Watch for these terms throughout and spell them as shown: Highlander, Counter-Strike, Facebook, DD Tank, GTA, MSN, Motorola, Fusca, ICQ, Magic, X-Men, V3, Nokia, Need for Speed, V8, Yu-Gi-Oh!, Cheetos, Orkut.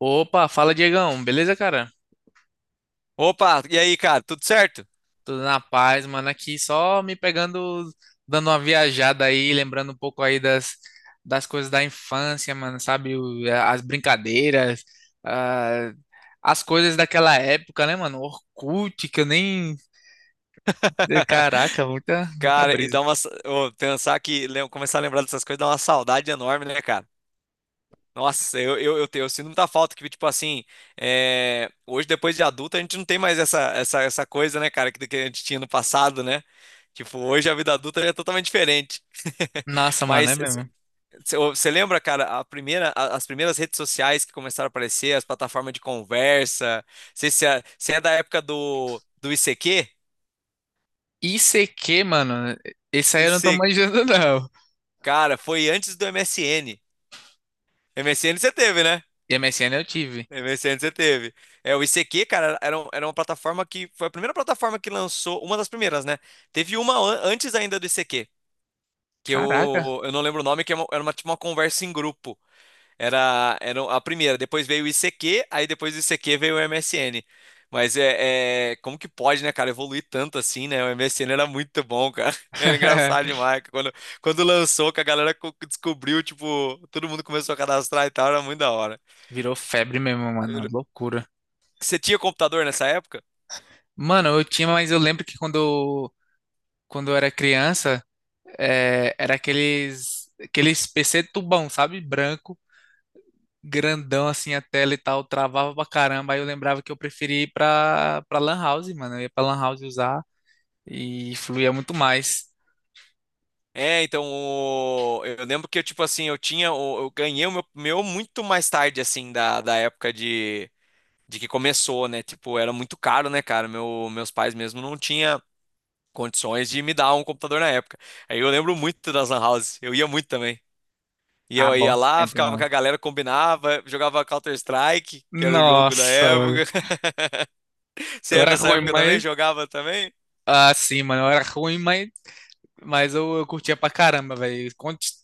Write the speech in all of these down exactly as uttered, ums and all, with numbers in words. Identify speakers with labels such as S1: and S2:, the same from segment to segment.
S1: Opa, fala Diegão, beleza, cara?
S2: Opa, e aí, cara, tudo certo?
S1: Tudo na paz, mano, aqui só me pegando, dando uma viajada aí, lembrando um pouco aí das, das coisas da infância, mano, sabe? O- eh, As brincadeiras, ah, as coisas daquela época, né, mano? Orkut, que eu nem... eh, Caraca, muita, muita
S2: Cara, e dá
S1: brisa.
S2: uma. Sa- ô, pensar que. lem- Começar a lembrar dessas coisas dá uma saudade enorme, né, cara? Nossa, eu, eu, eu, te- eu sinto muita falta que, tipo assim. É, hoje, depois de adulto, a gente não tem mais essa, essa, essa coisa, né, cara, que, que a gente tinha no passado, né? Tipo, hoje a vida adulta é totalmente diferente.
S1: Nossa, mano, é
S2: Mas
S1: mesmo.
S2: você lembra, cara, a primeira, a- as primeiras redes sociais que começaram a aparecer, as plataformas de conversa? Você é, cê é da época do, do I C I C Q?
S1: I C I C Q, mano, esse aí eu não tô manjando, não.
S2: Cara, foi antes do MSN. MSN você teve, né?
S1: E M S N eu tive.
S2: MSN você teve. É, o I C Q, cara, era, um- era uma plataforma que foi a primeira plataforma que lançou, uma das primeiras, né? Teve uma an- antes ainda do I C Q, que
S1: Caraca.
S2: eu, eu não lembro o nome, que era uma, era uma- tipo uma conversa em grupo. Era, era a primeira, depois veio o I C Q, aí depois do I C Q veio o M S N. Mas é, é- como que pode, né, cara, evoluir tanto assim, né? O M S N era muito bom, cara. Era engraçado demais que Quando, quando lançou, que a galera co- descobriu, tipo, todo mundo começou a cadastrar e tal, era muito da hora.
S1: Virou febre mesmo, mano,
S2: Eu-
S1: loucura.
S2: Você tinha computador nessa época?
S1: Mano, eu tinha, mas eu lembro que quando eu, quando eu era criança, é, era aqueles, aqueles P C tubão, sabe? Branco, grandão assim a tela e tal, travava pra caramba. Aí eu lembrava que eu preferia ir pra, pra Lan House, mano. Eu ia pra Lan House usar e fluía muito mais.
S2: É, então, o- eu lembro que, eu, tipo assim, eu tinha, o- eu ganhei o meu, meu muito mais tarde, assim, da, da época de, de que começou, né? Tipo, era muito caro, né, cara? Meu, meus pais mesmo não tinha condições de me dar um computador na época. Aí eu lembro muito das lan houses, eu ia muito também. E
S1: Ah,
S2: eu
S1: bom
S2: ia lá,
S1: sempre,
S2: ficava com
S1: mano.
S2: a galera, combinava, jogava Counter-Strike, que era o jogo da
S1: Nossa, mano.
S2: época. Você
S1: Eu
S2: é
S1: era
S2: dessa
S1: ruim,
S2: época também?
S1: mas.
S2: Jogava também?
S1: Ah, sim, mano. Eu era ruim, mas Mas eu, eu curtia pra caramba, velho.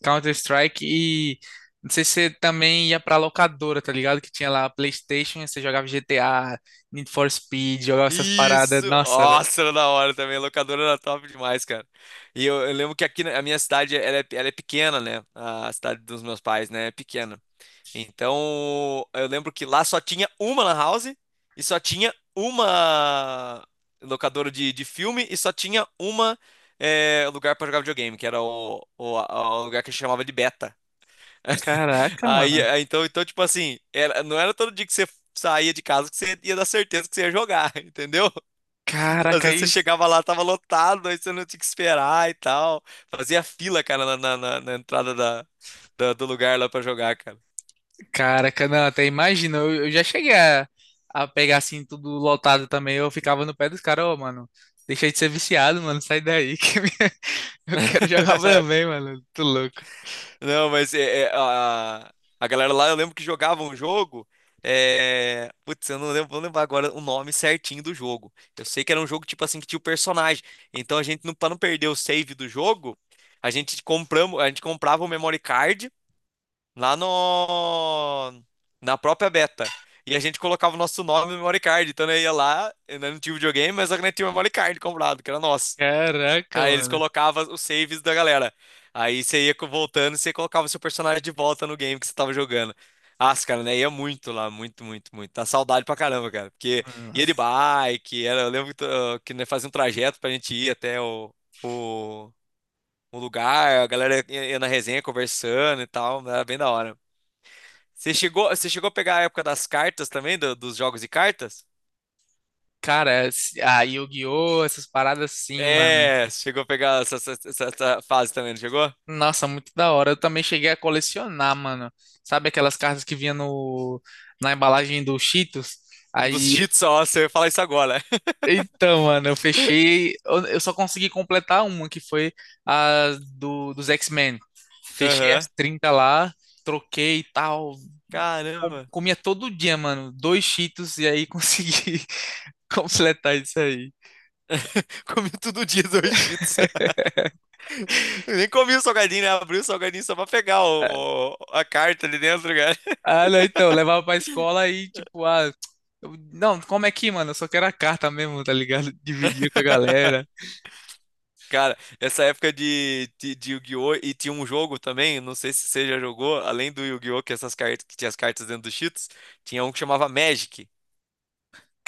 S1: Counter-Strike e. Não sei se você também ia pra locadora, tá ligado? Que tinha lá a PlayStation, você jogava G T A, Need for Speed, jogava essas paradas.
S2: Isso!
S1: Nossa, era
S2: Nossa, era da hora também. A locadora era top demais, cara. E eu, eu lembro que aqui na a minha cidade, ela é, ela é pequena, né? A cidade dos meus pais, né? É pequena. Então, eu lembro que lá só tinha uma lan house e só tinha uma locadora de, de filme e só tinha uma eh, lugar para jogar videogame, que era o, o, a- o lugar que a gente chamava de beta.
S1: caraca,
S2: Aí,
S1: mano.
S2: aí, então, então, tipo assim, era- não era todo dia que você saía de casa que você ia dar certeza que você ia jogar, entendeu? Às
S1: Caraca,
S2: vezes você
S1: isso.
S2: chegava lá, tava lotado, aí você não tinha que esperar e tal. Fazia fila, cara, na, na, na- na entrada da, da- do lugar lá para jogar, cara.
S1: Caraca, não, até imagina. Eu, eu já cheguei a, a pegar assim, tudo lotado também. Eu ficava no pé dos caras, ô, mano. Deixa de ser viciado, mano. Sai daí. Que eu quero jogar também, mano. Tô louco.
S2: Não, mas é, é, a, a galera lá, eu lembro que jogava um jogo. É. Putz, eu não lembro, vou lembrar agora o nome certinho do jogo. Eu sei que era um jogo tipo assim que tinha o personagem. Então a gente, não, pra não perder o save do jogo, a gente compramos, a gente comprava o memory card lá no na própria beta. E a gente colocava o nosso nome no memory card. Então eu ia lá, eu não tinha videogame, mas a gente tinha o memory card comprado, que era nosso.
S1: Caraca,
S2: Aí eles
S1: mano.
S2: colocavam os saves da galera. Aí você ia co- voltando e você colocava seu personagem de volta no game que você tava jogando. Ah, cara, né? Ia muito lá, muito, muito, muito. Tá saudade pra caramba, cara. Porque ia de
S1: Nossa.
S2: bike, era, eu lembro que, ah, que né, fazia um trajeto pra gente ir até o, o, o lugar, a galera ia, ia na resenha conversando e tal, era bem da hora. Você chegou, você chegou a pegar a época das cartas também, do- dos jogos de cartas?
S1: Cara, se- a Yu-Gi-Oh! Essas paradas sim, mano.
S2: É, chegou a pegar essa, essa essa- essa fase também, não chegou?
S1: Nossa, muito da hora. Eu também cheguei a colecionar, mano. Sabe aquelas cartas que vinha no, na embalagem do Cheetos?
S2: Dos
S1: Aí,
S2: cheats, ó, você fala isso agora.
S1: então, mano, eu fechei. Eu, eu só consegui completar uma, que foi a do, dos X-Men. Fechei
S2: Aham.
S1: as trinta lá, troquei e tal. Com-
S2: Caramba.
S1: Comia todo dia, mano. Dois Cheetos e aí consegui completar isso aí.
S2: Comi todo dia dois Cheetos. Eu nem comi o salgadinho, né? Abri o salgadinho só pra pegar o, o- a carta ali dentro, cara.
S1: Ah, não, então, eu levava pra escola e, tipo, ah, eu- não, como é que, mano? Eu só quero a carta mesmo, tá ligado? Dividia com a galera.
S2: Cara, essa época de, de, de Yu-Gi-Oh! E tinha um jogo também, não sei se você já jogou, além do Yu-Gi-Oh! Que essas cartas que tinha as cartas dentro dos Cheetos, tinha um que chamava Magic.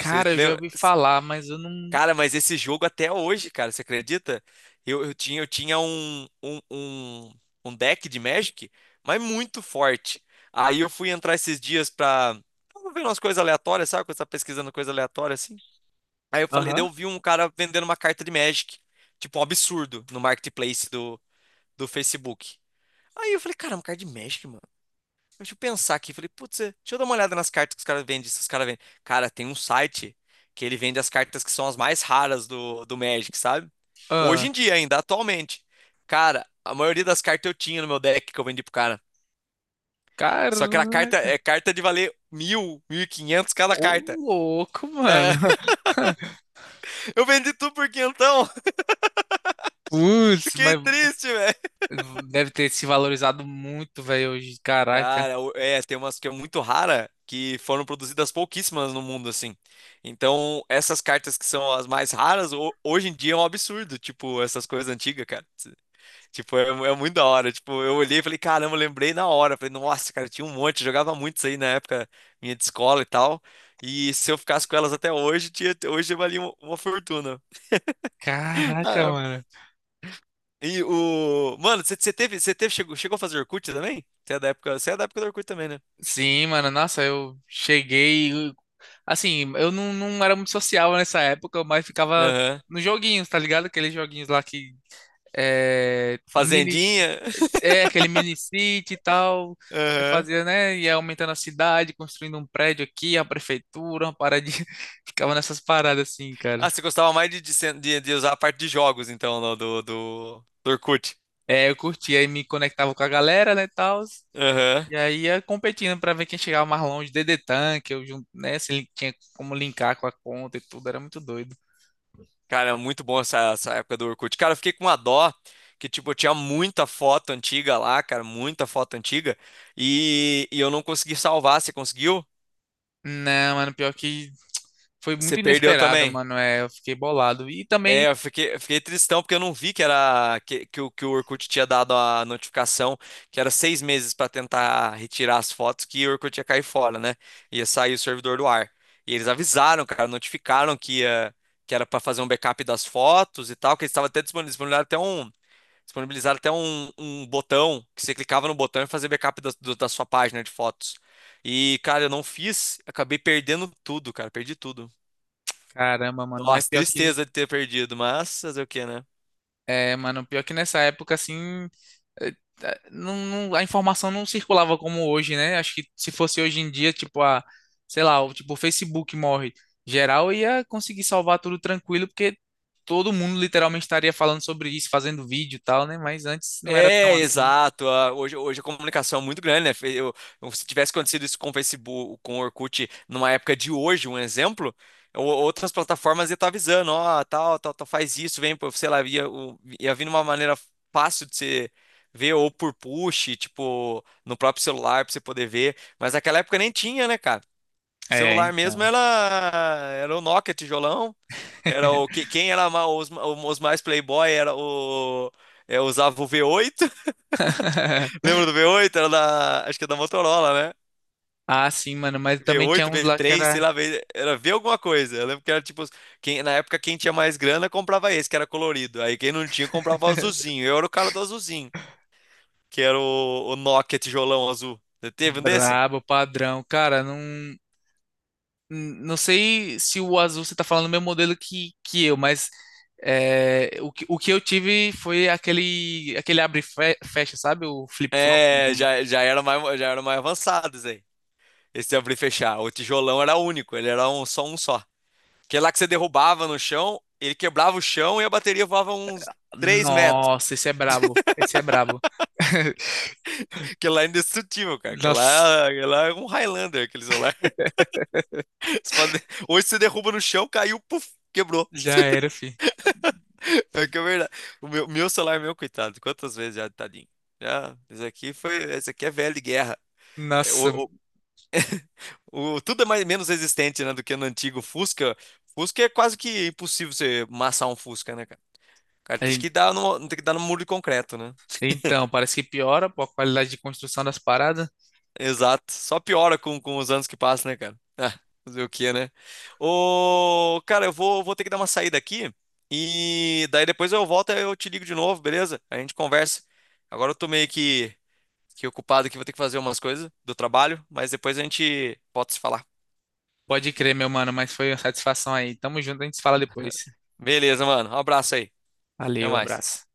S2: Você
S1: eu já
S2: lembra?
S1: ouvi falar, mas eu não.
S2: Cara, mas esse jogo até hoje, cara, você acredita? Eu, eu tinha, eu tinha um, um, um, um deck de Magic, mas muito forte. Aí eu fui entrar esses dias pra, pra ver umas coisas aleatórias, sabe? Quando você tá pesquisando coisa aleatória assim. Aí eu falei, daí
S1: Aham.
S2: eu vi um cara vendendo uma carta de Magic, tipo um absurdo, no marketplace do, do Facebook. Aí eu falei, cara, uma carta de Magic, mano. Deixa eu pensar aqui. Falei, putz, é, deixa eu dar uma olhada nas cartas que os caras vendem. Se os caras vendem. Cara, tem um site que ele vende as cartas que são as mais raras do, do Magic, sabe? Hoje
S1: Ah,
S2: em dia ainda, atualmente. Cara, a maioria das cartas eu tinha no meu deck que eu vendi pro cara.
S1: cara,
S2: Só que era carta, é carta de valer mil, mil e quinhentos cada
S1: ô
S2: carta.
S1: louco,
S2: É,
S1: mano.
S2: eu vendi tudo por quinhentão.
S1: Putz,
S2: Fiquei
S1: mas
S2: triste, velho.
S1: deve ter se valorizado muito, velho, hoje. Caraca.
S2: Cara, o- é, tem umas que é muito rara que foram produzidas pouquíssimas no mundo, assim. Então, essas cartas que são as mais raras, ho- hoje em dia é um absurdo, tipo, essas coisas antigas, cara. Tipo, é, mu- é muito da hora. Tipo, eu olhei e falei, caramba, eu lembrei na hora. Falei, nossa, cara, tinha um monte, eu jogava muito isso aí na época minha de escola e tal. E se eu ficasse com elas até hoje, tinha, hoje valia uma, uma fortuna.
S1: Caraca, mano.
S2: Ah, e o. mano, você você teve, você teve, chegou, chegou a fazer Orkut também? Você é da época, você é da época do Orkut também, né?
S1: Sim, mano, nossa, eu cheguei. Assim, eu não, não era muito social nessa época, mas ficava
S2: Aham.
S1: nos joguinhos, tá ligado? Aqueles joguinhos lá que é, mini,
S2: Fazendinha.
S1: é aquele mini city e tal. Você
S2: Aham.
S1: fazia, né? Ia aumentando a cidade, construindo um prédio aqui, a prefeitura, uma parada. Ficava nessas paradas assim,
S2: Ah,
S1: cara.
S2: você gostava mais de, de, sen- de- de usar a parte de jogos, então, no- do, do, do Orkut.
S1: É, eu curtia aí me conectava com a galera, né, tal.
S2: Aham.
S1: E aí ia competindo pra ver quem chegava mais longe. D D Tank, eu junto né, se ele tinha como linkar com a conta e tudo, era muito doido.
S2: Cara, muito bom essa, essa época do Orkut. Cara, eu fiquei com uma dó que, tipo, eu tinha muita foto antiga lá, cara, muita foto antiga, e, e eu não consegui salvar. Você conseguiu?
S1: Não, mano, pior que foi
S2: Você
S1: muito
S2: perdeu
S1: inesperado,
S2: também.
S1: mano. É, eu fiquei bolado. E também,
S2: É, eu fiquei, eu fiquei tristão porque eu não vi que era que, que, o, que o Orkut tinha dado a notificação que era seis meses para tentar retirar as fotos que o Orkut ia cair fora, né? Ia sair o servidor do ar. E eles avisaram, cara, notificaram que ia, que era para fazer um backup das fotos e tal, que eles estavam até disponibilizaram até um disponibilizaram até um, um botão que você clicava no botão e fazia backup da, do- da sua página de fotos. E, cara, eu não fiz, acabei perdendo tudo, cara, perdi tudo.
S1: caramba, mano, mas
S2: Nossa,
S1: pior que
S2: tristeza de ter perdido, mas fazer o quê, né?
S1: é, mano, pior que nessa época, assim, eh, eh, não, não a informação não circulava como hoje, né? Acho que se fosse hoje em dia, tipo, a, sei lá, o, tipo, o Facebook morre geral, ia conseguir salvar tudo tranquilo, porque todo mundo literalmente estaria falando sobre isso, fazendo vídeo e tal, né? Mas antes não era tão
S2: É,
S1: assim.
S2: exato. Ah, Hoje, hoje a comunicação é muito grande, né? Fe- Eu, eu- se tivesse acontecido isso com o Facebook, com o Orkut, numa época de hoje, um exemplo, o- outras plataformas iam estar avisando, ó, tal, tal, tal, faz isso, vem, pô, sei lá, ia, o- ia vir de uma maneira fácil de você ver, ou por push, tipo, no próprio celular, pra você poder ver. Mas naquela época nem tinha, né, cara?
S1: É,
S2: Celular mesmo
S1: então.
S2: era, era o Nokia, tijolão. Era o que quem era ma- os, os mais playboy era o é, usava o v oito. Lembra do V oito? Era da. Acho que é da Motorola, né?
S1: Ah, sim, mano, mas também tinha
S2: V oito,
S1: uns lá que
S2: V três, sei
S1: era
S2: lá, V- era V alguma coisa. Eu lembro que era tipo. Quem, na época, quem tinha mais grana comprava esse, que era colorido. Aí quem não tinha comprava o azulzinho. Eu era o cara do azulzinho, que era o, o Nokia tijolão azul. Você teve um desse?
S1: brabo, padrão. Cara, não. Hum, Não sei se o azul você está falando do mesmo modelo que, que eu, mas é, o, que, o que eu tive foi aquele, aquele abre e fe- fecha, sabe? O flip-flop.
S2: É, já, já era mais, já era mais avançados aí. Esse abrir e fechar. O tijolão era único, ele era um, só um só. Que é lá que você derrubava no chão, ele quebrava o chão e a bateria voava uns três metros.
S1: Nossa, esse é brabo. Esse é brabo.
S2: Aquele lá é indestrutível, cara. Aquele
S1: Nossa,
S2: lá, aquele lá é um Highlander, aquele celular. Você pode. Hoje você derruba no chão, caiu, puf, quebrou.
S1: já era, fi.
S2: É que é verdade. O meu, meu celular, é meu, coitado. Quantas vezes já, tadinho? Já, esse aqui foi, esse aqui é velho de guerra. É,
S1: Nossa.
S2: O, o- o- tudo é mais, menos resistente, né, do que no antigo Fusca. Fusca é quase que impossível você massar um Fusca, né, cara? Cara, tem
S1: En-
S2: que dar no, tem que dar no muro de concreto, né?
S1: Então, parece que piora pô, a qualidade de construção das paradas.
S2: Exato. Só piora com, com os anos que passam, né, cara? Ah, fazer o quê, né? Ô, cara, eu vou, vou ter que dar uma saída aqui. E daí depois eu volto e eu te ligo de novo, beleza? A gente conversa. Agora eu tô meio que, que ocupado aqui, vou ter que fazer umas coisas do trabalho, mas depois a gente volta a se falar.
S1: Pode crer, meu mano, mas foi uma satisfação aí. Tamo junto, a gente se fala depois.
S2: Beleza, mano. Um abraço aí. Até
S1: Valeu,
S2: mais.
S1: abraço.